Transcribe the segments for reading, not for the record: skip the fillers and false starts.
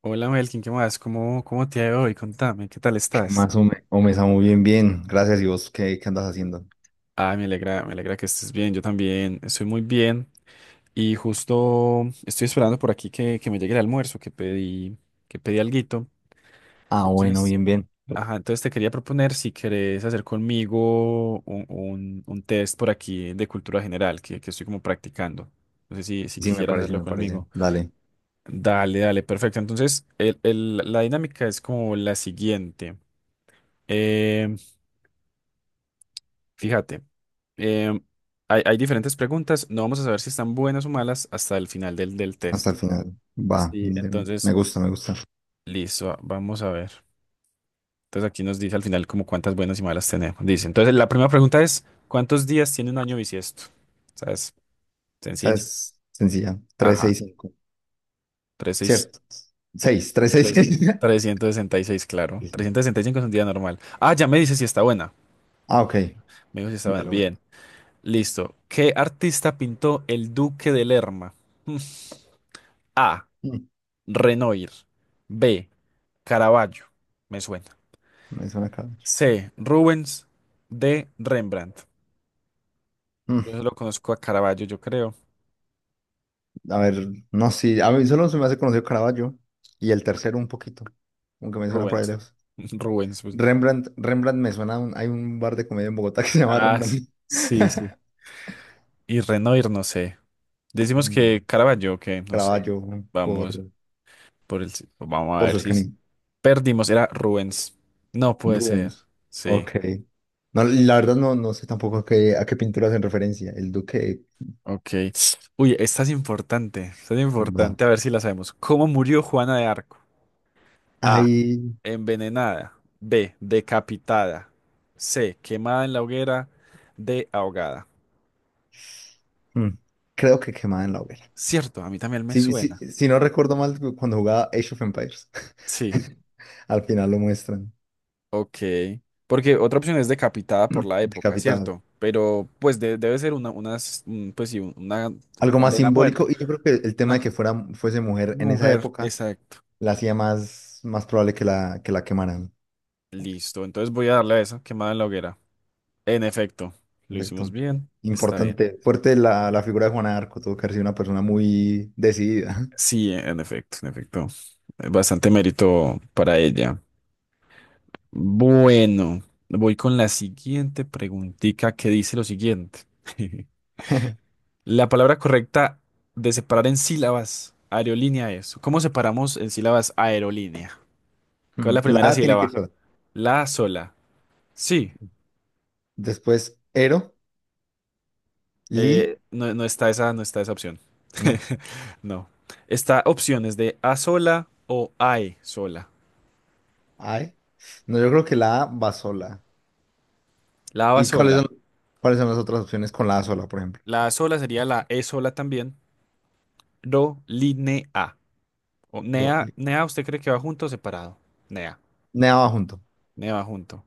Hola Melkin, ¿qué más? ¿Cómo te ha ido hoy? Contame, ¿qué tal ¿Qué estás? más, Ome? Ome, Samu, bien, bien. Gracias. ¿Y vos qué andas haciendo? Ah, me alegra que estés bien, yo también estoy muy bien y justo estoy esperando por aquí que me llegue el almuerzo, que pedí alguito. Ah, bueno, Entonces, bien, bien. ajá, entonces te quería proponer si querés hacer conmigo un test por aquí de cultura general que estoy como practicando. No sé si Sí, me quisieras parece, hacerlo me parece. conmigo. Dale, Dale, dale, perfecto. Entonces, la dinámica es como la siguiente. Eh, Fíjate, em, hay diferentes preguntas. No vamos a saber si están buenas o malas hasta el final del hasta test. el final. Va, Sí, me entonces, gusta, me gusta. listo, vamos a ver. Entonces aquí nos dice al final como cuántas buenas y malas tenemos. Dice, entonces la primera pregunta es, ¿cuántos días tiene un año bisiesto? ¿Sabes? Esta Sencilla. es sencilla. Tres, Ajá, seis, cinco. tres, seis, Cierto. Seis, tres, seis, tres, se- seis. 366, claro. 365 es un día normal. Ah, ya me dice si está buena. Ah, ok. Me dijo si está buena. Melo, melo. Bien, listo. ¿Qué artista pintó El Duque de Lerma? Hmm. A. Mm, Renoir. B. Caravaggio. Me suena. Me suena Caravaggio. C. Rubens. D. Rembrandt. Mm, Yo solo conozco a Caravaggio, yo creo. A ver, no, sí. A mí solo se me hace conocido Caravaggio. Y el tercero un poquito, aunque me suena por ahí Rubens. lejos. Rubens, pues. Rembrandt, Rembrandt me suena. Hay un bar de comedia en Bogotá que se llama Ah, Rembrandt. sí, sí. Y Renoir, no sé. Decimos No. que Caravaggio, que no sé. Caraballo Vamos por, por el. Vamos a por su ver si s- Toscanini. perdimos. Era Rubens. No puede ser. Rubens. Sí. Ok. No, la verdad no sé tampoco a qué pintura hacen referencia. El Duque Ok. Uy, esta es importante. Esta es va. importante. A ver si la sabemos. ¿Cómo murió Juana de Arco? A. Ahí, Envenenada. B. Decapitada. C. Quemada en la hoguera. D. Ahogada. mm, creo que quemada en la hoguera. Cierto, a mí también me Si, si, suena. si no recuerdo mal, cuando jugaba Age of Empires, Sí, al final lo muestran ok. Porque otra opción es decapitada por la época, decapitada. ¿cierto? Pero pues debe ser una, unas, pues sí, una Algo más condena a muerte. simbólico y yo creo que el tema Una de co- que fuera, fuese mujer en esa mujer, época exacto. la hacía más, más probable que la quemaran. Listo, entonces voy a darle a esa, quemada en la hoguera. En efecto, lo hicimos Perfecto. bien. Está bien. Importante, fuerte la figura de Juana de Arco, tuvo que haber sido una persona muy decidida. Sí, en efecto, en efecto. Bastante mérito para ella. Bueno, voy con la siguiente preguntica que dice lo siguiente. La palabra correcta de separar en sílabas, aerolínea es. ¿Cómo separamos en sílabas aerolínea? ¿Cuál es la La primera A tiene que ir sílaba? sola. La sola. Sí, Después, Ero, Li, no, no está esa, no está esa opción. no, No. Está opciones de A sola o AE sola. Ae. No, yo creo que la A va sola. La A va ¿Y cuáles sola. son, cuáles son las otras opciones con la A sola, por ejemplo? La A sola sería la E sola también. Ro, line, A. O Ro- Nea, Li- Nea, ¿usted cree que va junto o separado? Nea, Nea va junto. Nea va junto.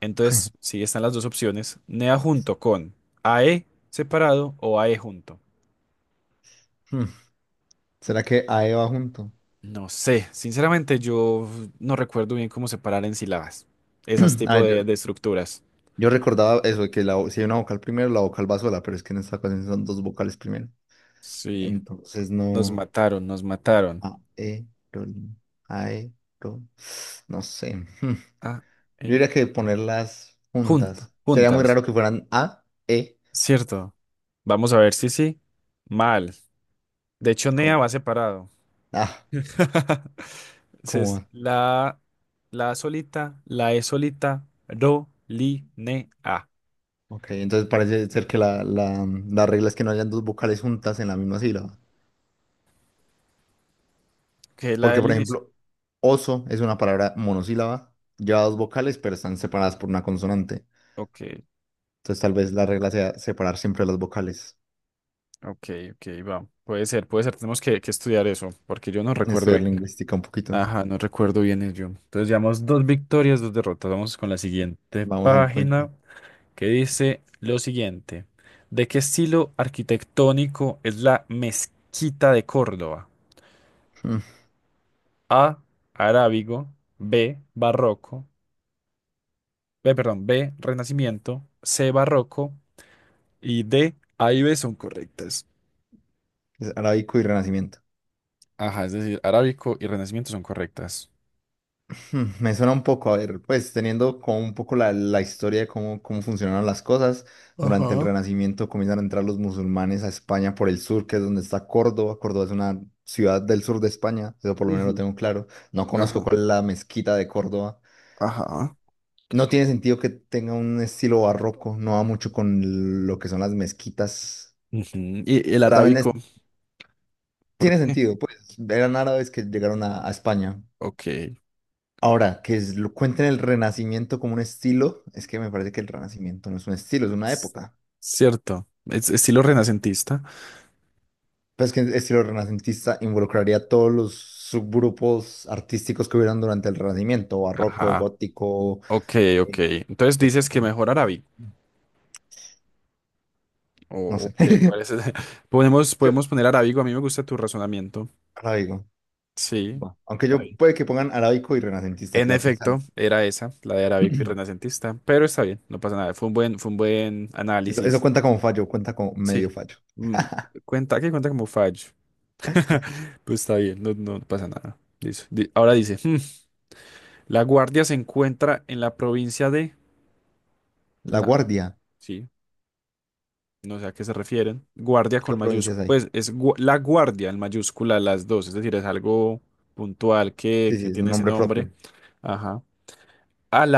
Entonces, sí, están las dos opciones. Nea junto con AE separado o AE junto. Hmm, ¿Será que AE va junto? No sé, sinceramente yo no recuerdo bien cómo separar en sílabas. Esas tipo A ver, yo, de estructuras. yo recordaba eso, de que si hay una vocal primero, la vocal va sola, pero es que en esta ocasión son dos vocales primero. Sí, Entonces, nos no. mataron, nos mataron. Aeron, aero, no sé. Hmm. A, Yo E, diría que ponerlas junta, juntas. Sería muy juntas, raro que fueran A, E, ¿cierto? Vamos a ver si sí. Mal. De hecho, Nea como va separado. A, como Entonces, A. la solita, la E solita, ro, li, ne, a, Ok, entonces parece ser que la regla es que no hayan dos vocales juntas en la misma sílaba. que es la Porque, del por inicio. ejemplo, oso es una palabra monosílaba, lleva dos vocales, pero están separadas por una consonante. Ok, Entonces, tal vez la regla sea separar siempre las vocales. ok, ok, va. Puede ser, puede ser. Tenemos que estudiar eso, porque yo no recuerdo Estudiar bien. lingüística un poquito. Ajá, no recuerdo bien el yo. Entonces, llevamos dos victorias, dos derrotas. Vamos con la siguiente Vamos en cuenta. página, que dice lo siguiente. ¿De qué estilo arquitectónico es la mezquita de Córdoba? Mm, A, arábigo, B, barroco, B, perdón, B, Renacimiento, C, Barroco y D, A y B son correctas. Es arábico y renacimiento. Ajá, es decir, Arábico y Renacimiento son correctas. Me suena un poco, a ver, pues teniendo como un poco la historia de cómo funcionaron las cosas, durante el Ajá. Renacimiento comienzan a entrar los musulmanes a España por el sur, que es donde está Córdoba. Córdoba es una ciudad del sur de España, eso por lo menos lo Ujú. tengo claro. No conozco Ajá. cuál es la mezquita de Córdoba. Ajá. No tiene sentido que tenga un estilo barroco, no va mucho con lo que son las mezquitas, Ujú. Y el pero también arábico, ¿por tiene qué? sentido, pues eran árabes que llegaron a España. Ok, Ahora, que lo cuenten el Renacimiento como un estilo, es que me parece que el Renacimiento no es un estilo, es una s- época. cierto, es estilo renacentista. Pues que el estilo renacentista involucraría todos los subgrupos artísticos que hubieran durante el Renacimiento, barroco, Ajá, gótico, ok, ok. eh, Entonces dices que etcétera. mejor Arábico. O No sé. ok, ¿cuál es Podemos, Yo, podemos poner Arábigo, a mí me gusta tu razonamiento. arábigo. Sí. Va. Aunque Está yo bien. puede que pongan arábico y renacentista, que En la opción sea efecto, era esa, la de arábico y renacentista, pero está bien, no pasa nada. Fue un buen Eso análisis. cuenta como fallo, cuenta como medio Sí. fallo. Mm, cuenta, que cuenta como fallo. Pues está bien, no, no pasa nada. Listo. Ahora dice, "La guardia se encuentra en la provincia de La la... Guardia, Sí, no sé a qué se refieren. Guardia con ¿qué mayúscula. provincias hay? Pues es la guardia en mayúscula las dos, es decir, es algo puntual que, Sí, sí, que es un tiene ese nombre nombre. propio. Ajá.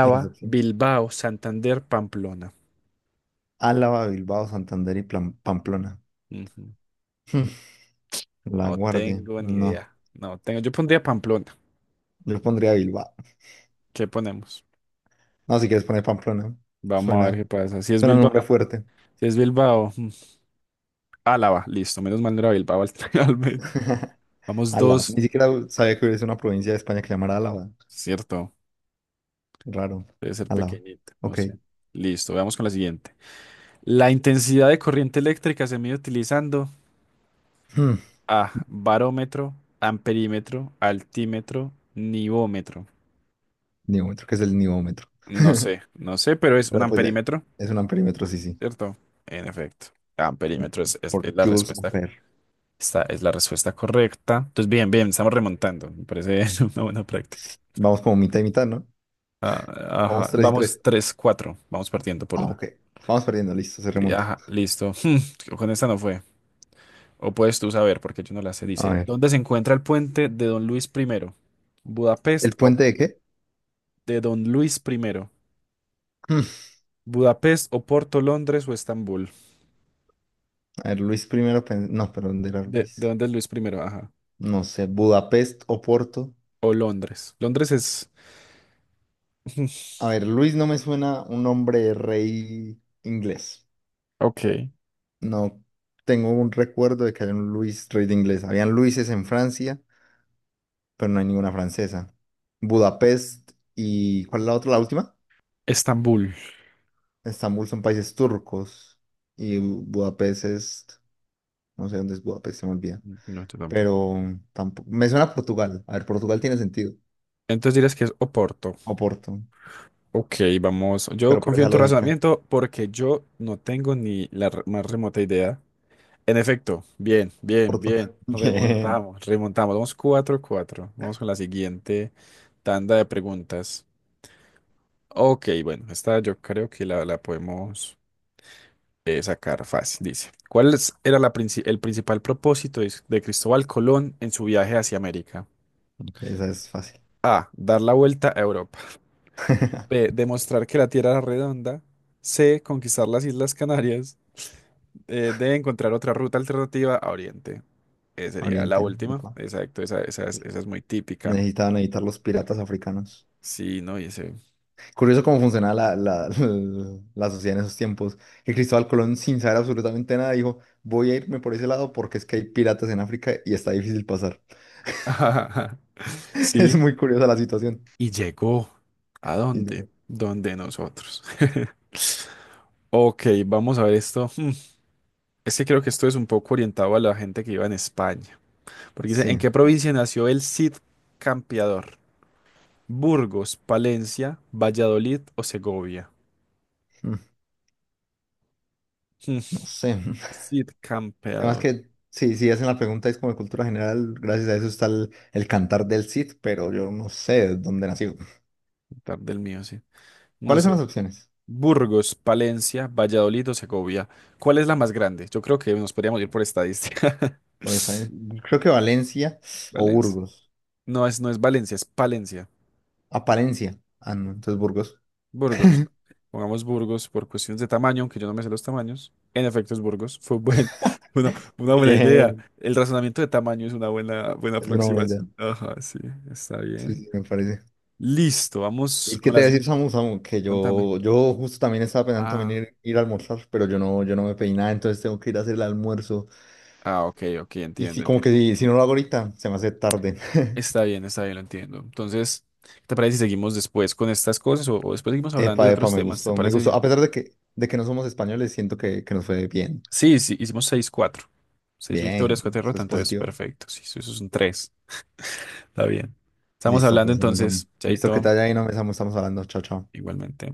Y las opciones. Bilbao, Santander, Pamplona. Álava, Bilbao, Santander y Pamplona. Ujú. La No Guardia, tengo ni no. idea. No tengo. Yo pondría Pamplona. Yo pondría Bilbao. ¿Qué ponemos? No, si quieres poner Pamplona. Vamos a ver Suena, qué pasa. Suena un nombre fuerte. Si es Bilbao, mm, Álava, listo. Menos mal no era Bilbao al, al menos. Vamos Álava. dos, Ni siquiera sabía que hubiese una provincia de España que llamara Álava. cierto. Raro. Debe ser Álava. pequeñita, no Ok. sé. Listo, veamos con la siguiente. La intensidad de corriente eléctrica se mide utilizando Hmm. A, barómetro, amperímetro, altímetro, nivómetro. Nivómetro, ¿qué es el nivómetro? No sé, no sé, pero es un Pero pues amperímetro, es un amperímetro, sí, sí. ¿cierto? En efecto, amperímetro es es- Por es la joules respuesta. per. Esta es la respuesta correcta. Entonces, bien, bien, estamos remontando. Me parece una buena práctica. Vamos como mitad y mitad, ¿no? Ah, Vamos ajá, tres y tres. vamos 3-4. Vamos partiendo por Ah, una. ok. Vamos perdiendo, listo, se Sí, remonta. ajá, listo. Con esta no fue. O puedes tú saber, porque yo no la sé. A Dice, ver. ¿dónde se encuentra el puente de Don Luis primero ¿Budapest ¿El o puente de qué? de Don Luis primero ¿Budapest o Porto, Londres o Estambul? A ver, Luis primero, no, pero ¿dónde era ¿De Luis? dónde es Luis primero? Ajá. No sé, Budapest o Porto. O Londres. Londres es... A ver, Luis no me suena un nombre de rey inglés. Ok. No tengo un recuerdo de que haya un Luis rey de inglés. Habían Luises en Francia, pero no hay ninguna francesa. Budapest y ¿cuál es la otra? La última. Estambul. Estambul son países turcos y Budapest es, no sé dónde es Budapest, se me olvida. No, yo tampoco. Pero tampoco, me suena a Portugal. A ver, Portugal tiene sentido. Entonces dirás que es Oporto. O Porto, Ok, vamos. Yo pero por confío esa en tu lógica. razonamiento porque yo no tengo ni más remota idea. En efecto, bien, bien, Corto. bien. Bien. Remontamos, remontamos. Vamos 4-4. Vamos con la siguiente tanda de preguntas. Ok, bueno, esta yo creo que la podemos sacar fácil. Dice, ¿era el principal propósito de Cristóbal Colón en su viaje hacia América? Ok, esa es fácil. A, dar la vuelta a Europa. B, demostrar que la Tierra era redonda. C, conquistar las Islas Canarias. De encontrar otra ruta alternativa a Oriente. Sería la Oriente, de última. pa. Exacto, esa es muy típica. Necesitaban evitar los piratas africanos. Sí, no, y ese. Curioso cómo funcionaba la sociedad en esos tiempos. Que Cristóbal Colón, sin saber absolutamente nada, dijo: Voy a irme por ese lado porque es que hay piratas en África y está difícil pasar. Es Sí, muy curiosa la situación. y llegó. ¿A Y dónde? llegó. Donde nosotros. Ok, vamos a ver esto. Es que creo que esto es un poco orientado a la gente que iba en España. Porque dice, ¿en Sí, qué provincia nació el Cid Campeador? Burgos, Palencia, Valladolid o Segovia. Mm, Hmm, no sé. Cid Además Campeador. que, sí, si hacen la pregunta, es como de cultura general. Gracias a eso está el cantar del Cid, pero yo no sé de dónde nació. Tarde el mío, sí. No ¿Cuáles son las sé. opciones? Burgos, Palencia, Valladolid o Segovia. ¿Cuál es la más grande? Yo creo que nos podríamos ir por estadística. Por esta, creo que Valencia o Valencia. Burgos. No es, no es Valencia, es Palencia. Apariencia. Ah, no, entonces Burgos. Burgos. Pongamos Burgos por cuestiones de tamaño, aunque yo no me sé los tamaños. En efecto, es Burgos. Una buena idea. Bien, El razonamiento de tamaño es una buena, buena es una buena idea. aproximación. Ajá, sí, está Sí, bien. sí, me parece. Listo, vamos ¿Y qué con te la voy a decir, siguiente. Samu, Samu? Que Contame. yo justo también estaba pensando también Ah, ir a almorzar, pero yo no me pedí nada, entonces tengo que ir a hacer el almuerzo. ah, ok, ok, Y entiendo, sí, como entiendo. que si, si no lo hago ahorita, se me hace tarde. Está bien, lo entiendo. Entonces, ¿qué ¿te parece si seguimos después con estas cosas o, después seguimos hablando de Epa, epa, otros me temas? ¿Te gustó, me parece gustó. bien? A pesar de que no somos españoles, siento que nos fue bien. Sí, sí, hicimos 6-4, seis Bien, victorias, 4 eso derrotas, es entonces positivo. perfecto. Sí, eso es un 3. Está bien. Estamos Listo, hablando pues, no me Samu. entonces, Listo, que Chaito, te haya ido, no me Samu, estamos hablando. Chao, chao. igualmente.